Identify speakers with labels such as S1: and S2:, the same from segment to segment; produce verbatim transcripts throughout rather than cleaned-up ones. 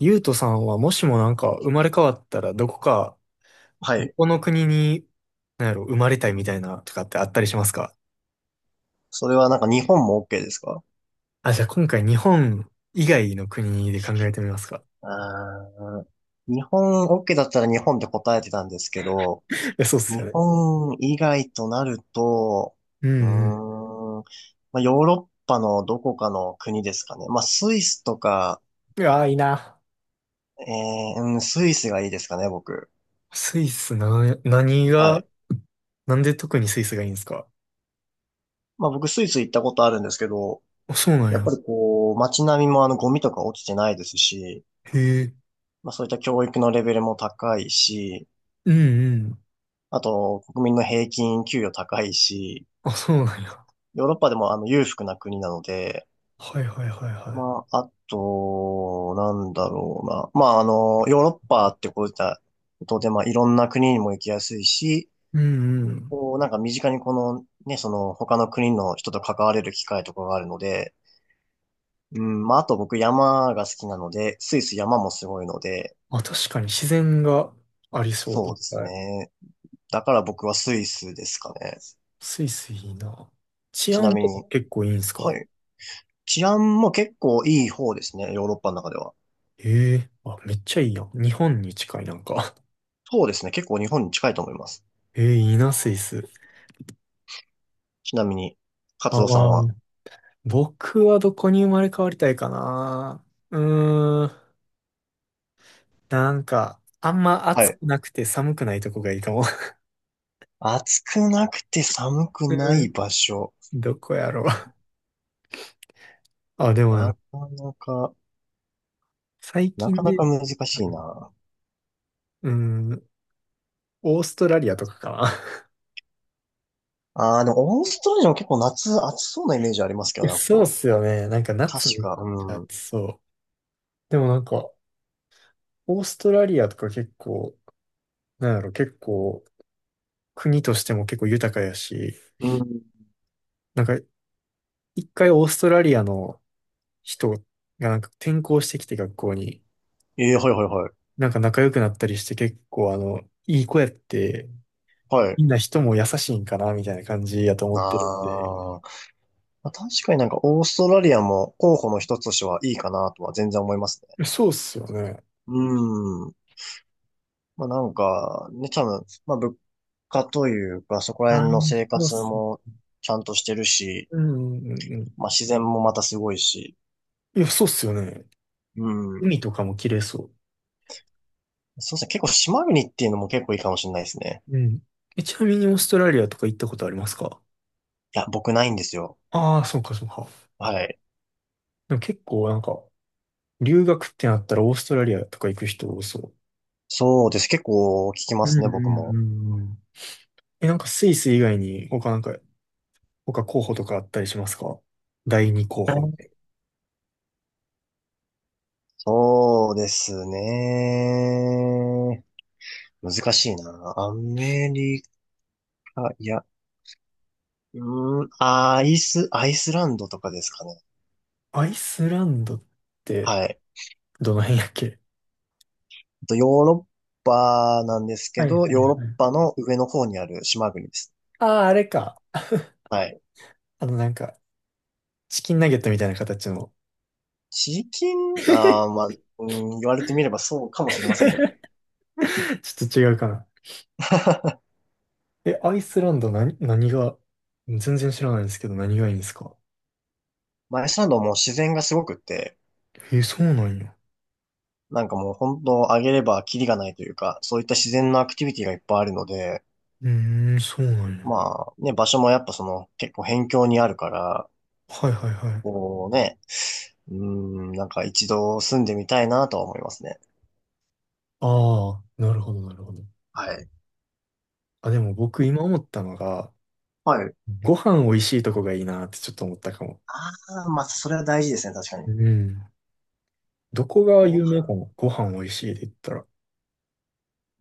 S1: ゆうとさんはもしもなんか生まれ変わったらどこか、
S2: は
S1: ど
S2: い。
S1: この国に、なんやろ、生まれたいみたいなとかってあったりしますか？
S2: それはなんか日本も OK ですか？
S1: あ、じゃあ今回日本以外の国で考えてみますか。
S2: あー日本 OK だったら日本で答えてたんですけど、
S1: いや、そうっすよ
S2: 日
S1: ね。
S2: 本以外となると、
S1: う
S2: うー
S1: んう
S2: ん、まあ、ヨーロッパのどこかの国ですかね。まあ、スイスとか、
S1: ん。いやー、いいな。
S2: えー、うん、スイスがいいですかね、僕。
S1: スイスな、何
S2: は
S1: が、
S2: い。
S1: なんで特にスイスがいいんですか？
S2: まあ、僕スイス行ったことあるんですけど、
S1: あ、そうなん
S2: やっぱ
S1: や。
S2: りこう、街並みもあのゴミとか落ちてないですし、
S1: へえ。
S2: まあ、そういった教育のレベルも高いし、
S1: うんうん。
S2: あと、国民の平均給与高いし、
S1: あ、そうなんや。
S2: ヨーロッパでもあの裕福な国なので、
S1: はいはいはいは
S2: まあ、あと、なんだろうな。まあ、あの、ヨーロッパってこういったことで、まあ、いろんな国にも行きやすいし、
S1: い。うんうん。
S2: こう、なんか身近にこの、ね、その、他の国の人と関われる機会とかがあるので、うん、まあ、あと僕山が好きなので、スイス山もすごいので、
S1: あ、確かに自然がありそう。い
S2: そ
S1: っ
S2: うです
S1: ぱい。
S2: ね。だから僕はスイスですかね。
S1: スイスいいな。治
S2: ちな
S1: 安
S2: み
S1: とか
S2: に、
S1: 結構いいんす
S2: は
S1: か？
S2: い。治安も結構いい方ですね、ヨーロッパの中では。
S1: ええー、あ、めっちゃいいやん。日本に近いなんか。
S2: そうですね、結構日本に近いと思います。
S1: ええー、いいな、スイス。
S2: ちなみに、カツ
S1: あ、
S2: オさん
S1: ま
S2: は。
S1: あ、僕はどこに生まれ変わりたいかな。うーん、なんか、あんま
S2: は
S1: 暑
S2: い。
S1: くなくて寒くないとこがいいかも。
S2: 暑くなくて寒く
S1: う
S2: な
S1: ー
S2: い
S1: ん、
S2: 場所。
S1: どこやろう。あ、でも
S2: な
S1: な、
S2: かなか、
S1: 最
S2: なか
S1: 近
S2: な
S1: で、
S2: か難しいな。
S1: うーん、オーストラリアとかかな。
S2: ああ、でもオーストラリアも結構夏暑そうなイメージありますけ
S1: いや
S2: どね、
S1: そうっ
S2: こ
S1: す
S2: う。
S1: よね。なんか
S2: 確
S1: 夏めっ
S2: か、
S1: ちゃ
S2: うん。
S1: 暑そう。でもなんか、オーストラリアとか結構、なんやろ、結構、国としても結構豊かやし、
S2: うん。
S1: なんか、一回オーストラリアの人がなんか転校してきて学校に、
S2: ええ、はいはいはい。
S1: なんか仲良くなったりして結構あの、いい子やって、
S2: はい。
S1: みんな人も優しいんかな、みたいな感じやと思ってるん
S2: あ
S1: で。い
S2: ーまあ、確かになんかオーストラリアも候補の一つとしてはいいかなとは全然思いますね。
S1: やそうっすよね。
S2: うん。まあなんか、ね、多分、まあ物価というか、そこら
S1: ああ、
S2: 辺の生
S1: そうっ
S2: 活
S1: すね。
S2: もちゃんとしてるし、
S1: うんうんうんうん。
S2: まあ自然もまたすごいし、
S1: いや、そうっすよね。
S2: うん。
S1: 海とかも綺麗そ
S2: そうですね、結構島国っていうのも結構いいかもしれないですね。
S1: う。うん。え、ちなみにオーストラリアとか行ったことありますか？
S2: いや、僕ないんですよ。
S1: ああー、そうかそうか。
S2: はい。
S1: でも結構なんか、留学ってなったらオーストラリアとか行く人多そ
S2: そうです。結構聞きま
S1: う。うんう
S2: すね、僕も。
S1: んうんうん。え、なんかスイス以外に他なんか、他候補とかあったりしますか？第二候補みたい
S2: そうですね。難しいな。アメリカ、いや、うーん、アイス、アイスランドとかですかね。
S1: な。アイスランドって
S2: はい。
S1: どの辺やっけ？
S2: とヨーロッパなんです
S1: は
S2: け
S1: いはい
S2: ど、
S1: は
S2: ヨーロッ
S1: い。
S2: パの上の方にある島国です。
S1: ああー、あれか。
S2: はい。
S1: あのなんか、チキンナゲットみたいな形の。
S2: 地域、
S1: ち
S2: あー、まあ、うん、言われてみればそうかもしれませんけど、
S1: ょっと違うかな。え、アイスランド何、何が、全然知らないんですけど何がいいんですか？
S2: まあアイスランドも自然がすごくって、
S1: え、そうなんや。
S2: なんかもう本当あげればキリがないというか、そういった自然のアクティビティがいっぱいあるので、
S1: うーん、そうなんや。
S2: まあね、場所もやっぱその結構辺境にあるから、
S1: はいはいはい。
S2: こうね、うん、なんか一度住んでみたいなとは思いますね。
S1: ああ、なるほどなるほど。
S2: はい。
S1: あ、でも僕今思ったのが、
S2: はい。
S1: ご飯美味しいとこがいいなってちょっと思ったかも。
S2: ああ、まあそれは大事ですね、確かに。
S1: うん。どこが
S2: ご
S1: 有名か
S2: 飯
S1: も。ご飯美味しいで言ったら。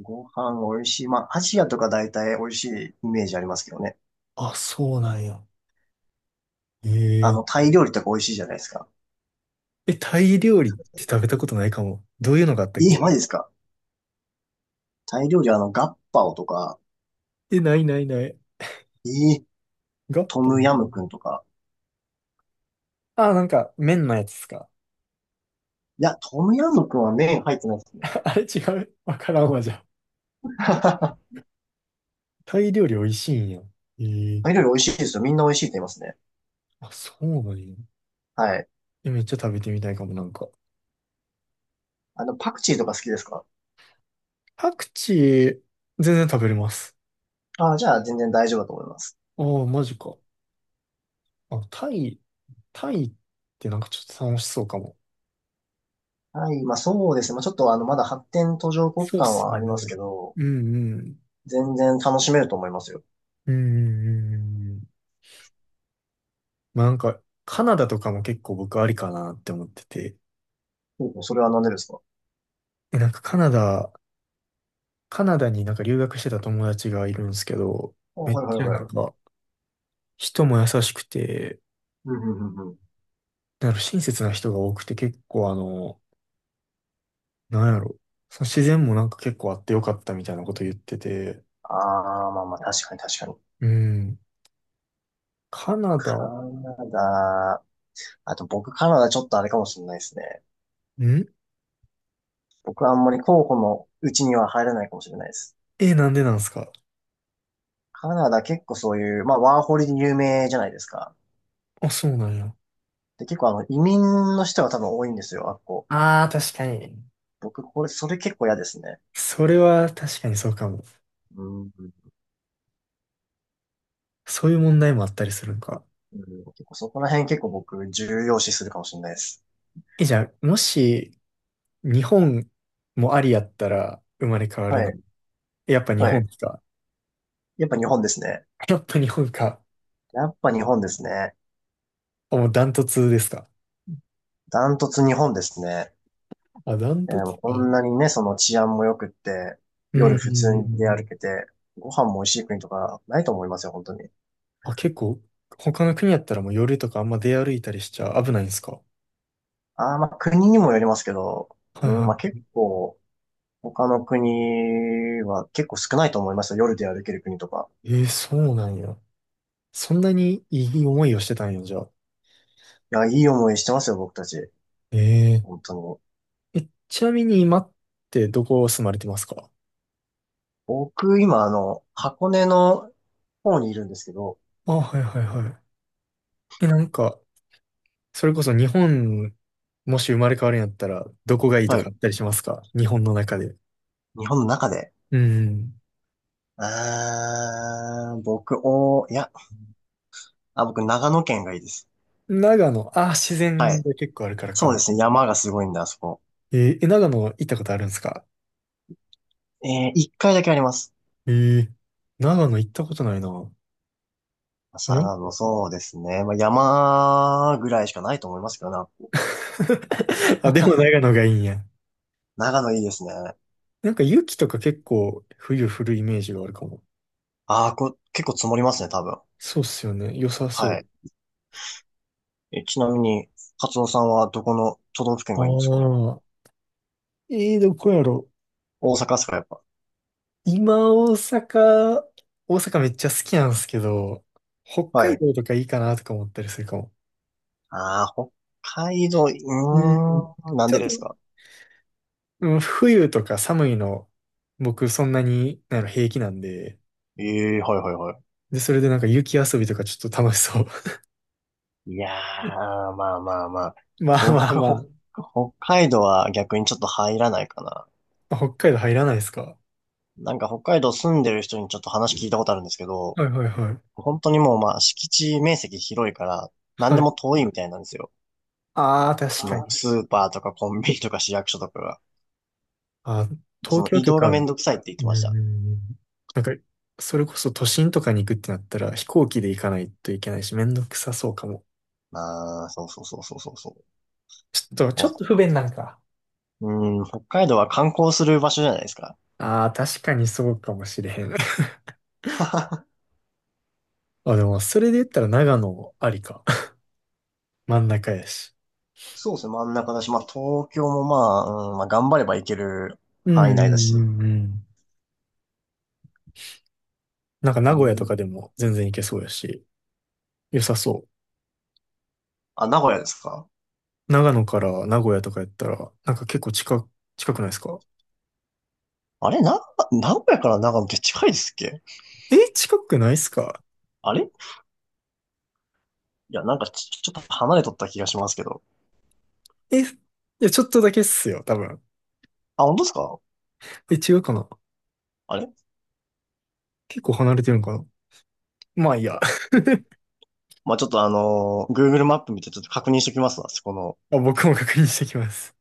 S2: ご飯美味しい。まあ、アジアとか大体美味しいイメージありますけどね。
S1: あ、そうなんや。え
S2: あ
S1: え。
S2: の、タイ料理とか美味しいじゃないですか。
S1: え、タイ料理って食べたことないかも。どういうのがあったっ
S2: えー、
S1: け？
S2: マジですか？タイ料理、あの、ガッパオとか、
S1: え、ないないない。
S2: えー、
S1: ガッ
S2: ト
S1: パ
S2: ム
S1: ン、
S2: ヤムクンとか。
S1: あ、なんか麺のやつですか。
S2: いや、トムヤムクンは麺入ってないですね。
S1: あれ違う。わからんわ、じゃあ。タイ料理美味しいんや。ええ。
S2: タイ料理美味しいですよ。みんな美味しいって言いますね。
S1: あ、そうなんや。
S2: はい。
S1: え、めっちゃ食べてみたいかも、なんか。
S2: あの、パクチーとか好きですか？
S1: パクチー、全然食べれます。
S2: ああ、じゃあ全然大丈夫だと思います。
S1: ああ、マジか。あ、タイ、タイってなんかちょっと楽しそうかも。
S2: はい。まあ、そうですね。まあ、ちょっとあの、まだ発展途上国
S1: そうっ
S2: 間
S1: す
S2: はあ
S1: よ
S2: ります
S1: ね。
S2: けど、
S1: うんうん。
S2: 全然楽しめると思いますよ。
S1: うんうんうんうん。まあなんか、カナダとかも結構僕ありかなって思ってて。
S2: ほうほう、それは何でですか？
S1: え、なんかカナダ、カナダになんか留学してた友達がいるんですけど、
S2: あ、
S1: めっ
S2: はいはい
S1: ちゃな
S2: は
S1: ん
S2: い。
S1: か、人も優しくて、
S2: うんうんうんうん。
S1: なんか親切な人が多くて結構あの、なんやろ。その自然もなんか結構あってよかったみたいなこと言ってて。
S2: ああ、まあまあ、確かに確かに。
S1: うん。カナダ、
S2: カナダ、あと僕カナダちょっとあれかもしれないですね。
S1: ん、
S2: 僕はあんまり候補のうちには入らないかもしれないです。
S1: え、なんでなんですか？
S2: カナダ結構そういう、まあワーホリで有名じゃないですか。
S1: あ、そうなんや。
S2: で、結構あの移民の人が多分多いんですよ、あっこ。
S1: ああ、確かに。
S2: 僕、これ、それ結構嫌ですね。
S1: それは確かにそうかも。
S2: うん、う
S1: そういう問題もあったりするんか。
S2: ん結構そこら辺結構僕重要視するかもしれないです。
S1: え、じゃあ、もし、日本もありやったら生まれ変わ
S2: は
S1: るの。
S2: い、
S1: やっぱ日
S2: はい。
S1: 本か。
S2: やっぱ日本ですね。
S1: やっぱ日本か。
S2: やっぱ日本ですね。
S1: あ、もうダントツですか？
S2: ダントツ日本ですね。
S1: あ、ダン
S2: え
S1: トツ
S2: ー、こ
S1: か。
S2: んなにね、その治安も良くって、
S1: うん、
S2: 夜
S1: うん、
S2: 普通
S1: う
S2: に出
S1: んう
S2: 歩
S1: ん。
S2: けて、ご飯も美味しい国とかないと思いますよ、本当に。
S1: あ、結構、他の国やったらもう夜とかあんま出歩いたりしちゃ危ないんですか。
S2: ああ、まあ国にもよりますけど、
S1: は
S2: う
S1: い
S2: ん、
S1: は
S2: まあ
S1: い。
S2: 結構、他の国は結構少ないと思いますよ、夜で歩ける国とか。
S1: えーそうなんや。そんなにいい思いをしてたんや、じゃあ。
S2: いや、いい思いしてますよ、僕たち。
S1: えー、
S2: 本当に。
S1: え、ちなみに今ってどこ住まれてますか？
S2: 僕、今、あの、箱根の方にいるんですけど、
S1: あ、はいはいはい。え、なんか、それこそ日本、もし生まれ変わるんやったら、どこがいいと
S2: は
S1: か
S2: い。
S1: あったりしますか？日本の中で。
S2: 日本の中で。
S1: うん。
S2: あー、僕、お、いや、あ、僕、長野県がいいです。
S1: 長野、あ、自
S2: は
S1: 然
S2: い。
S1: が結構あるからか
S2: そうで
S1: な。
S2: すね、山がすごいんだ、あそこ。
S1: えー、え、長野行ったことあるんですか？
S2: えー、一回だけあります。
S1: えー、長野行ったことないな。な
S2: さ
S1: んか、
S2: あの、そうですね。まあ、山ぐらいしかないと思いますけどな。
S1: あ、でも長野がいいんや。
S2: 長野いいですね。
S1: なんか雪とか結構冬降るイメージがあるかも。
S2: ああ、こ、結構積もりますね、多分。
S1: そうっすよね。良さそ
S2: は
S1: う。
S2: い。え、ちなみに、カツオさんはどこの都道府県
S1: あ
S2: がいいんですか？
S1: あ、えー、どこやろ。
S2: 大阪ですか、やっぱ。
S1: 今、大阪、大阪めっちゃ好きなんですけど、北
S2: は
S1: 海
S2: い。
S1: 道とかいいかなとか思ったりするかも。
S2: ああ、北海道、う
S1: うん。
S2: ーん、なん
S1: ち
S2: で
S1: ょっ
S2: で
S1: と、
S2: すか？
S1: うん、冬とか寒いの、僕そんなに、なんやろ平気なんで、
S2: ええー、はいはいはい。
S1: で、それでなんか雪遊びとかちょっと楽しそう。
S2: いや ー、まあまあまあ。
S1: まあ
S2: 僕、
S1: まあま
S2: 北、北海道は逆にちょっと入らないかな。
S1: あ、北海道入らないですか？
S2: なんか北海道住んでる人にちょっと話聞いたことあるんですけど、
S1: はいはいはい。
S2: 本当にもうまあ敷地面積広いから、何
S1: は
S2: で
S1: い。
S2: も遠いみたいなんですよ。
S1: ああ、確
S2: そ
S1: か
S2: の
S1: に。
S2: スーパーとかコンビニとか市役所とかが。
S1: あ、
S2: そ
S1: 東
S2: の
S1: 京
S2: 移
S1: と
S2: 動
S1: か、
S2: がめんどくさいって言っ
S1: う
S2: てました。
S1: ん、なんか、それこそ都心とかに行くってなったら飛行機で行かないといけないし、めんどくさそうかも。
S2: ああ、そうそうそうそうそうそう。
S1: ちょっと、ちょっと不便なんか。
S2: うん、北海道は観光する場所じゃないですか。
S1: ああ、確かにそうかもしれへん。あ、でも、それで言ったら長野ありか。真ん中やし。
S2: そうですね、真ん中だし、まあ東京もまあ、うん、まあ頑張れば行ける
S1: うん
S2: 範囲内だ
S1: う
S2: し。
S1: んうんうん。なんか
S2: う
S1: 名古屋とか
S2: ん、
S1: でも全然行けそうやし、良さそう。
S2: あ、名古屋ですか？
S1: 長野から名古屋とかやったら、なんか結構近く、近くないですか？
S2: あれな、名古屋から長野って近いですっけ？
S1: え、近くないっすか？
S2: あれ、いや、なんかち、ちょっと離れとった気がしますけど。
S1: え、いや、ちょっとだけっすよ、多分。
S2: あ、本当ですか？
S1: え、違うかな？
S2: あれ、
S1: 結構離れてるんかな？まあいいや。
S2: まあちょっとあのー、グーグルマップ見てちょっと確認してきますわ、そこの
S1: あ、僕も確認してきます。